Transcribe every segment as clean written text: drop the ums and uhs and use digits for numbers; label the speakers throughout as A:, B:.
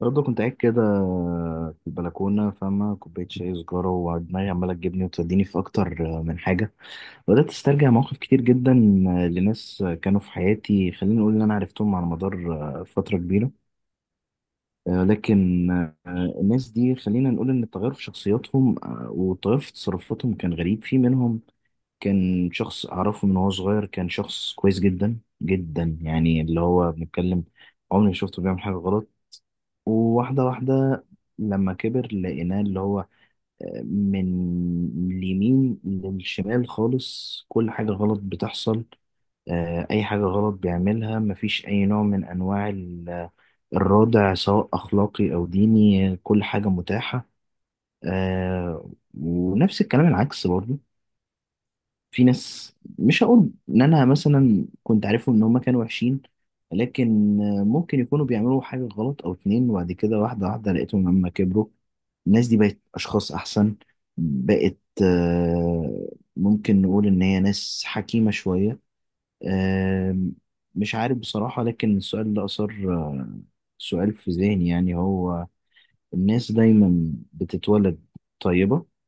A: برضه كنت قاعد كده في البلكونة، فاهمة، كوباية شاي، سجارة، ودماغي عمالة تجيبني وتوديني في أكتر من حاجة. بدأت أسترجع مواقف كتير جدا لناس كانوا في حياتي، خلينا نقول إن أنا عرفتهم على مدار فترة كبيرة. لكن الناس دي، خلينا نقول إن التغير في شخصياتهم والتغير في تصرفاتهم كان غريب. في منهم كان شخص أعرفه من وهو صغير، كان شخص كويس جدا جدا، يعني اللي هو بنتكلم عمري ما شفته بيعمل حاجة غلط. وواحدة واحدة لما كبر لقيناه اللي هو من اليمين للشمال خالص، كل حاجة غلط بتحصل. أي حاجة غلط بيعملها مفيش أي نوع من أنواع الردع، سواء أخلاقي أو ديني، كل حاجة متاحة. آه، ونفس الكلام العكس برضه. في ناس مش هقول ان انا مثلا كنت عارفهم ان هما كانوا وحشين، لكن ممكن يكونوا بيعملوا حاجة غلط او اتنين، وبعد كده واحدة واحدة لقيتهم لما كبروا الناس دي بقت اشخاص احسن. بقت آه، ممكن نقول ان هي ناس حكيمة شوية. آه، مش عارف بصراحة، لكن السؤال ده اثار سؤال في ذهني. يعني هو الناس دايما بتتولد طيبة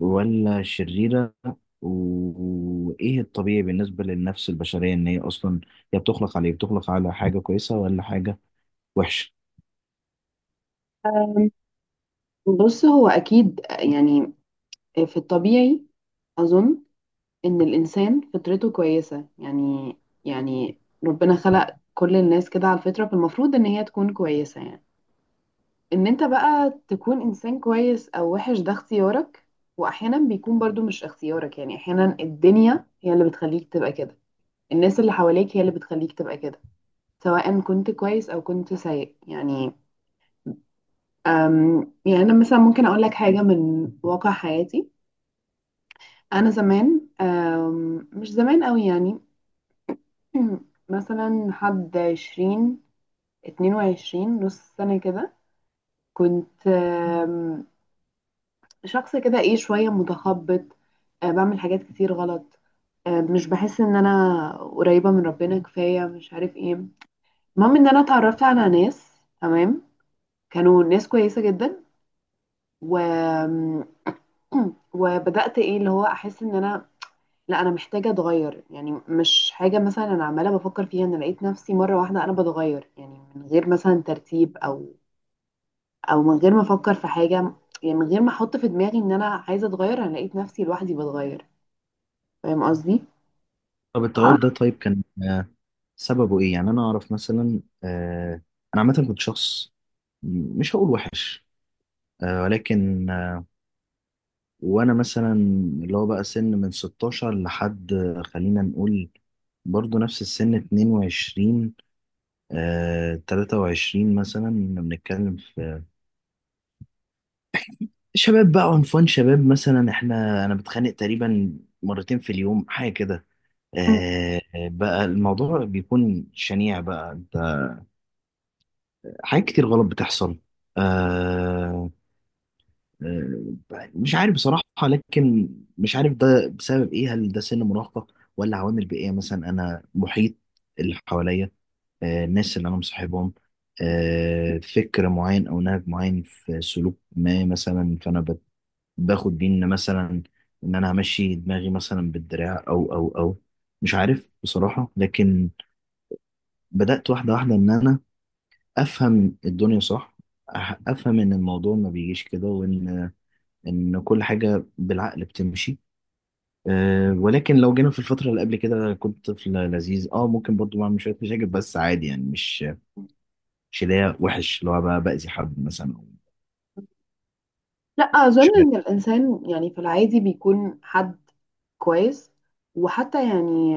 A: ولا شريرة؟ و- وإيه الطبيعي بالنسبة للنفس البشرية؟ إن هي أصلا هي بتخلق على إيه؟ بتخلق على حاجة كويسة ولا حاجة وحشة؟
B: أم، بص، هو أكيد يعني في الطبيعي أظن إن الإنسان فطرته كويسة يعني. يعني ربنا خلق كل الناس كده على الفطرة، فالمفروض إن هي تكون كويسة يعني. إن أنت بقى تكون إنسان كويس أو وحش ده اختيارك. وأحيانا بيكون برضو مش اختيارك، يعني أحيانا الدنيا هي اللي بتخليك تبقى كده. الناس اللي حواليك هي اللي بتخليك تبقى كده، سواء كنت كويس أو كنت سيء يعني. يعني أنا مثلا ممكن أقول لك حاجة من واقع حياتي. انا زمان، مش زمان قوي يعني. مثلا حد 20، 22 نص سنة كده، كنت شخص كده ايه شوية متخبط. بعمل حاجات كتير غلط. مش بحس ان انا قريبة من ربنا كفاية، مش عارف ايه. المهم ان انا اتعرفت على ناس، تمام، كانوا ناس كويسة جدا. و وبدأت ايه اللي هو احس ان انا، لا انا محتاجه اتغير يعني. مش حاجه مثلا انا عماله بفكر فيها، انا لقيت نفسي مره واحده انا بتغير، يعني من غير مثلا ترتيب او من غير ما افكر في حاجه. يعني من غير ما احط في دماغي ان انا عايزه اتغير، انا لقيت نفسي لوحدي بتغير. فاهم قصدي؟
A: طب التغير ده طيب كان سببه إيه؟ يعني أنا أعرف مثلا، أنا عامة كنت شخص مش هقول وحش، ولكن، وأنا مثلا اللي هو بقى سن من 16 لحد، خلينا نقول برضو نفس السن 22، 23 مثلا. كنا بنتكلم في شباب، بقى عنفوان شباب مثلا، احنا انا بتخانق تقريبا مرتين في اليوم حاجه كده.
B: مم.
A: آه بقى الموضوع بيكون شنيع، بقى انت حاجات كتير غلط بتحصل. آه مش عارف بصراحه، لكن مش عارف ده بسبب ايه. هل ده سن مراهقه ولا عوامل بيئيه؟ مثلا انا محيط اللي حواليا، الناس اللي انا مصاحبهم، فكر معين او نهج معين في سلوك ما، مثلا فانا باخد بيه ان مثلا ان انا همشي دماغي مثلا بالدراع او مش عارف بصراحة. لكن بدأت واحدة واحدة ان انا افهم الدنيا صح، افهم ان الموضوع ما بيجيش كده، وان كل حاجة بالعقل بتمشي. أه ولكن لو جينا في الفترة اللي قبل كده كنت طفل لذيذ، اه ممكن برضو بعمل شوية مشاكل بس عادي يعني، مش اللي هي وحش، اللي هو بقى بأذي حد مثلا أو
B: لا
A: مش
B: اظن
A: عارف.
B: ان الانسان يعني في العادي بيكون حد كويس. وحتى يعني،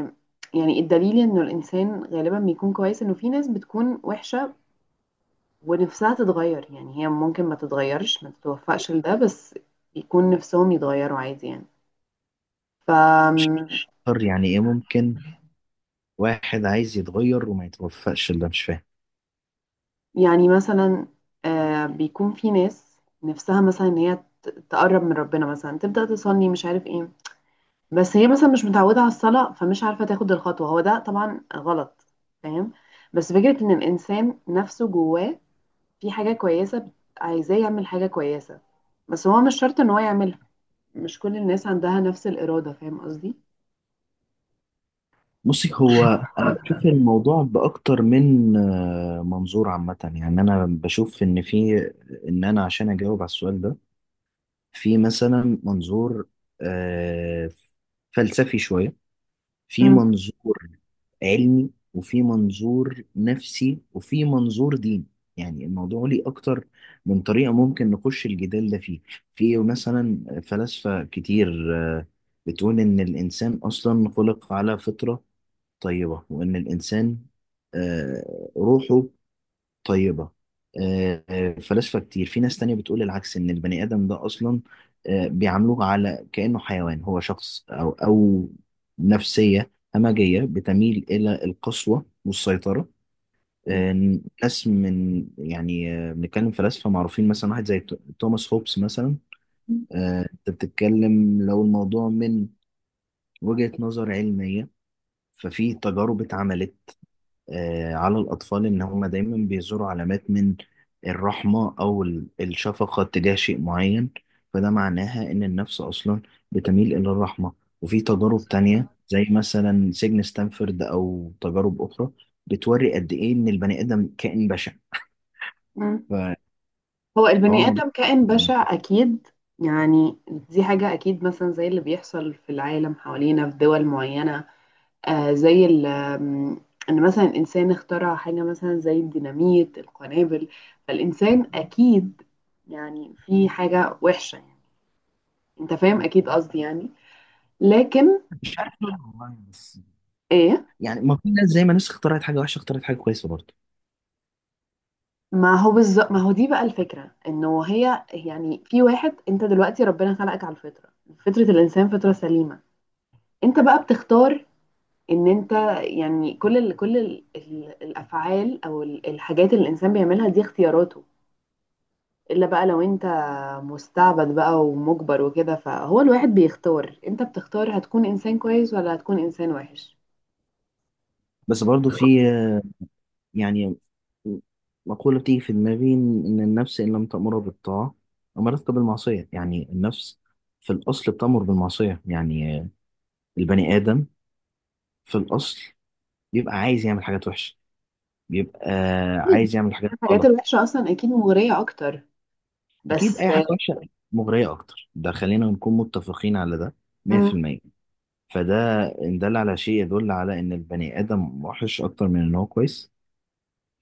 B: الدليل انه الانسان غالبا بيكون كويس، انه في ناس بتكون وحشه ونفسها تتغير، يعني هي ممكن ما تتغيرش، ما تتوفقش لده، بس يكون نفسهم يتغيروا عادي يعني.
A: مش
B: ف
A: عارف يعني ايه ممكن واحد عايز يتغير وما يتوفقش؟ اللي مش فاهم.
B: يعني مثلا، بيكون في ناس نفسها مثلا ان هي تقرب من ربنا، مثلا تبدأ تصلي، مش عارف ايه. بس هي مثلا مش متعودة على الصلاة، فمش عارفة تاخد الخطوة، هو ده طبعا غلط، فاهم. بس فكرة ان الانسان نفسه جواه في حاجة كويسة عايزاه يعمل حاجة كويسة، بس هو مش شرط ان هو يعملها. مش كل الناس عندها نفس الإرادة، فاهم قصدي؟
A: بصي، هو انا بشوف الموضوع باكتر من منظور. عامه يعني انا بشوف ان في، ان انا عشان اجاوب على السؤال ده، في مثلا منظور آه، فلسفي شويه، في
B: مم.
A: منظور علمي، وفي منظور نفسي، وفي منظور ديني. يعني الموضوع ليه اكتر من طريقه ممكن نخش الجدال ده فيه. في مثلا فلاسفه كتير بتقول ان الانسان اصلا خلق على فطره طيبة، وإن الإنسان روحه طيبة. فلاسفة كتير، في ناس تانية بتقول العكس، إن البني آدم ده أصلا بيعاملوه على كأنه حيوان، هو شخص أو نفسية همجية بتميل إلى القسوة والسيطرة. آه، ناس من يعني، بنتكلم فلاسفة معروفين، مثلا واحد زي توماس هوبس مثلا.
B: مم.
A: أنت بتتكلم لو الموضوع من وجهة نظر علمية، ففي تجارب اتعملت على الأطفال إن هم دايما بيزوروا علامات من الرحمة أو الشفقة تجاه شيء معين، فده معناها إن النفس أصلا بتميل إلى الرحمة. وفي تجارب
B: بالظبط.
A: تانية زي مثلا سجن ستانفورد أو تجارب أخرى، بتوري قد إيه إن البني آدم كائن بشع.
B: مم.
A: ف-
B: هو
A: فهو
B: البني
A: الموضوع،
B: آدم كائن بشع أكيد. يعني دي حاجة أكيد، مثلا زي اللي بيحصل في العالم حوالينا في دول معينة. زي ال- آم، إن مثلا الإنسان اخترع حاجة مثلا زي الديناميت، القنابل. فالإنسان أكيد يعني في حاجة وحشة يعني، أنت فاهم أكيد قصدي يعني، لكن
A: مش عارف والله، بس
B: إيه.
A: يعني ما في ناس، زي ما ناس اخترعت حاجة وحشة اخترعت حاجة كويسة برضه.
B: ما هو بالظبط، ما هو دي بقى الفكرة، انه هي يعني في واحد. انت دلوقتي ربنا خلقك على الفطرة، فطرة الانسان فطرة سليمة. انت بقى بتختار ان انت، يعني كل ال الافعال او الحاجات اللي الانسان بيعملها دي اختياراته. الا بقى لو انت مستعبد بقى ومجبر وكده، فهو الواحد بيختار، انت بتختار هتكون انسان كويس ولا هتكون انسان وحش.
A: بس برضه في يعني مقولة بتيجي في دماغي، إن النفس إن لم تأمره بالطاعة أمرتك بالمعصية. يعني النفس في الأصل بتأمر بالمعصية، يعني البني آدم في الأصل بيبقى عايز يعمل حاجات وحشة، بيبقى
B: أكيد
A: عايز يعمل حاجات
B: الحاجات
A: غلط.
B: الوحشة اصلا اكيد مغرية اكتر،
A: أكيد،
B: بس.
A: أي حاجة وحشة مغرية أكتر، ده خلينا نكون متفقين على ده 100%. فده إن دل على شيء يدل على إن البني آدم وحش أكتر من إن هو كويس،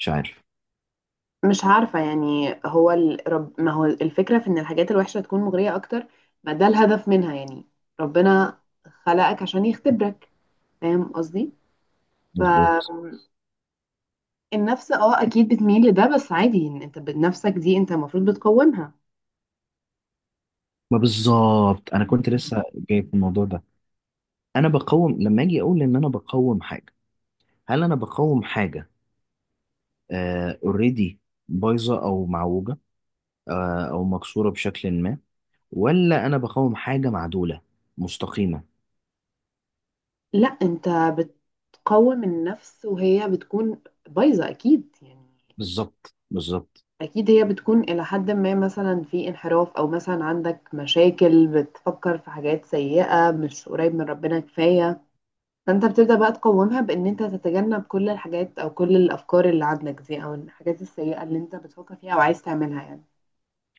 A: مش عارف.
B: مش عارفة يعني، هو ما هو الفكرة في إن الحاجات الوحشة تكون مغرية أكتر، ما ده الهدف منها يعني. ربنا خلقك عشان يختبرك، فاهم قصدي؟
A: مظبوط.
B: فالنفس اه أكيد بتميل لده، بس عادي إن أنت بنفسك دي، أنت المفروض بتقومها.
A: ما بالظبط أنا كنت لسه جاي في الموضوع ده. انا بقوم، لما اجي اقول ان انا بقوم حاجه، هل انا بقوم حاجه اوريدي بايظه او معوجه، او مكسوره بشكل ما، ولا انا بقوم حاجه معدوله مستقيمه؟
B: لا أنت بتقوم النفس وهي بتكون بايظة أكيد يعني.
A: بالظبط بالظبط.
B: أكيد هي بتكون إلى حد ما مثلا في انحراف، أو مثلا عندك مشاكل، بتفكر في حاجات سيئة، مش قريب من ربنا كفاية. فانت بتبدأ بقى تقومها بان انت تتجنب كل الحاجات او كل الافكار اللي عندك دي، او الحاجات السيئة اللي انت بتفكر فيها او عايز تعملها يعني.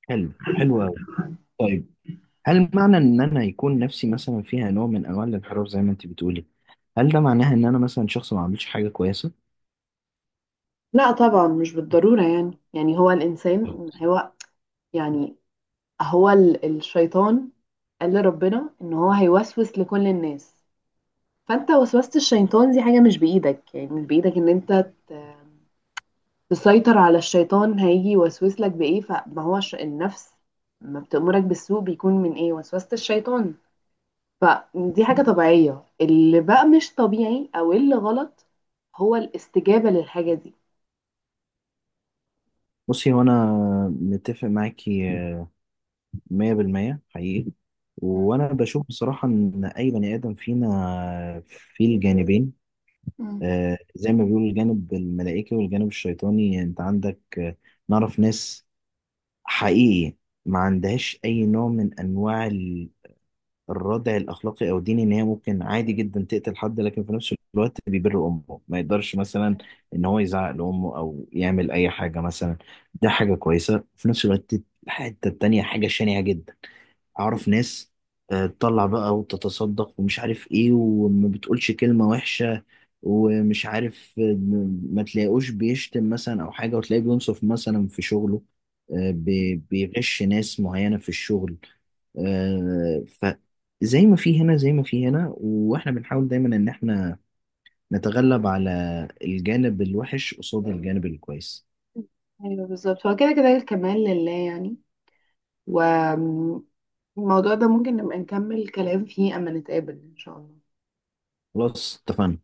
A: حلو حلو أوي. طيب، هل معنى ان انا يكون نفسي مثلا فيها نوع من انواع الانحراف زي ما انت بتقولي، هل ده معناها ان انا مثلا شخص ما عملش حاجه كويسه؟
B: لا طبعا مش بالضرورة يعني. هو الانسان،
A: بالظبط.
B: هو يعني هو ال- الشيطان قال لربنا ان هو هيوسوس لكل الناس. فانت وسوسة الشيطان دي حاجة مش بايدك، يعني مش بايدك ان انت تسيطر على الشيطان. هيجي يوسوس لك بايه، فما هو النفس ما بتأمرك بالسوء بيكون من ايه، وسوسة الشيطان. فدي حاجة طبيعية، اللي بقى مش طبيعي او اللي غلط هو الاستجابة للحاجة دي.
A: بصي، هو انا متفق معاكي مية بالمية حقيقي. وأنا بشوف بصراحة إن أي بني آدم فينا فيه الجانبين.
B: مم.
A: زي ما بيقولوا، الجانب الملائكي والجانب الشيطاني. أنت عندك، نعرف ناس حقيقي ما عندهاش أي نوع من أنواع الردع الأخلاقي أو الديني، إن هي ممكن عادي جدا تقتل حد، لكن في نفس الوقت بيبر أمه، ما يقدرش مثلا إن هو يزعق لأمه أو يعمل أي حاجة مثلا. ده حاجة كويسة. في نفس الوقت الحتة التانية حاجة شنيعة جدا. اعرف ناس تطلع بقى وتتصدق ومش عارف ايه، وما بتقولش كلمة وحشة، ومش عارف ما تلاقوش بيشتم مثلا او حاجة، وتلاقيه بينصف مثلا في شغله، بيغش ناس معينة في الشغل، ف زي ما في هنا، زي ما في هنا، واحنا بنحاول دايما ان احنا نتغلب على الجانب الوحش قصاد الجانب الكويس.
B: ايوه بالظبط، هو كده كده الكمال لله يعني. والموضوع ده ممكن نبقى نكمل كلام فيه اما نتقابل ان شاء الله.
A: خلاص اتفقنا.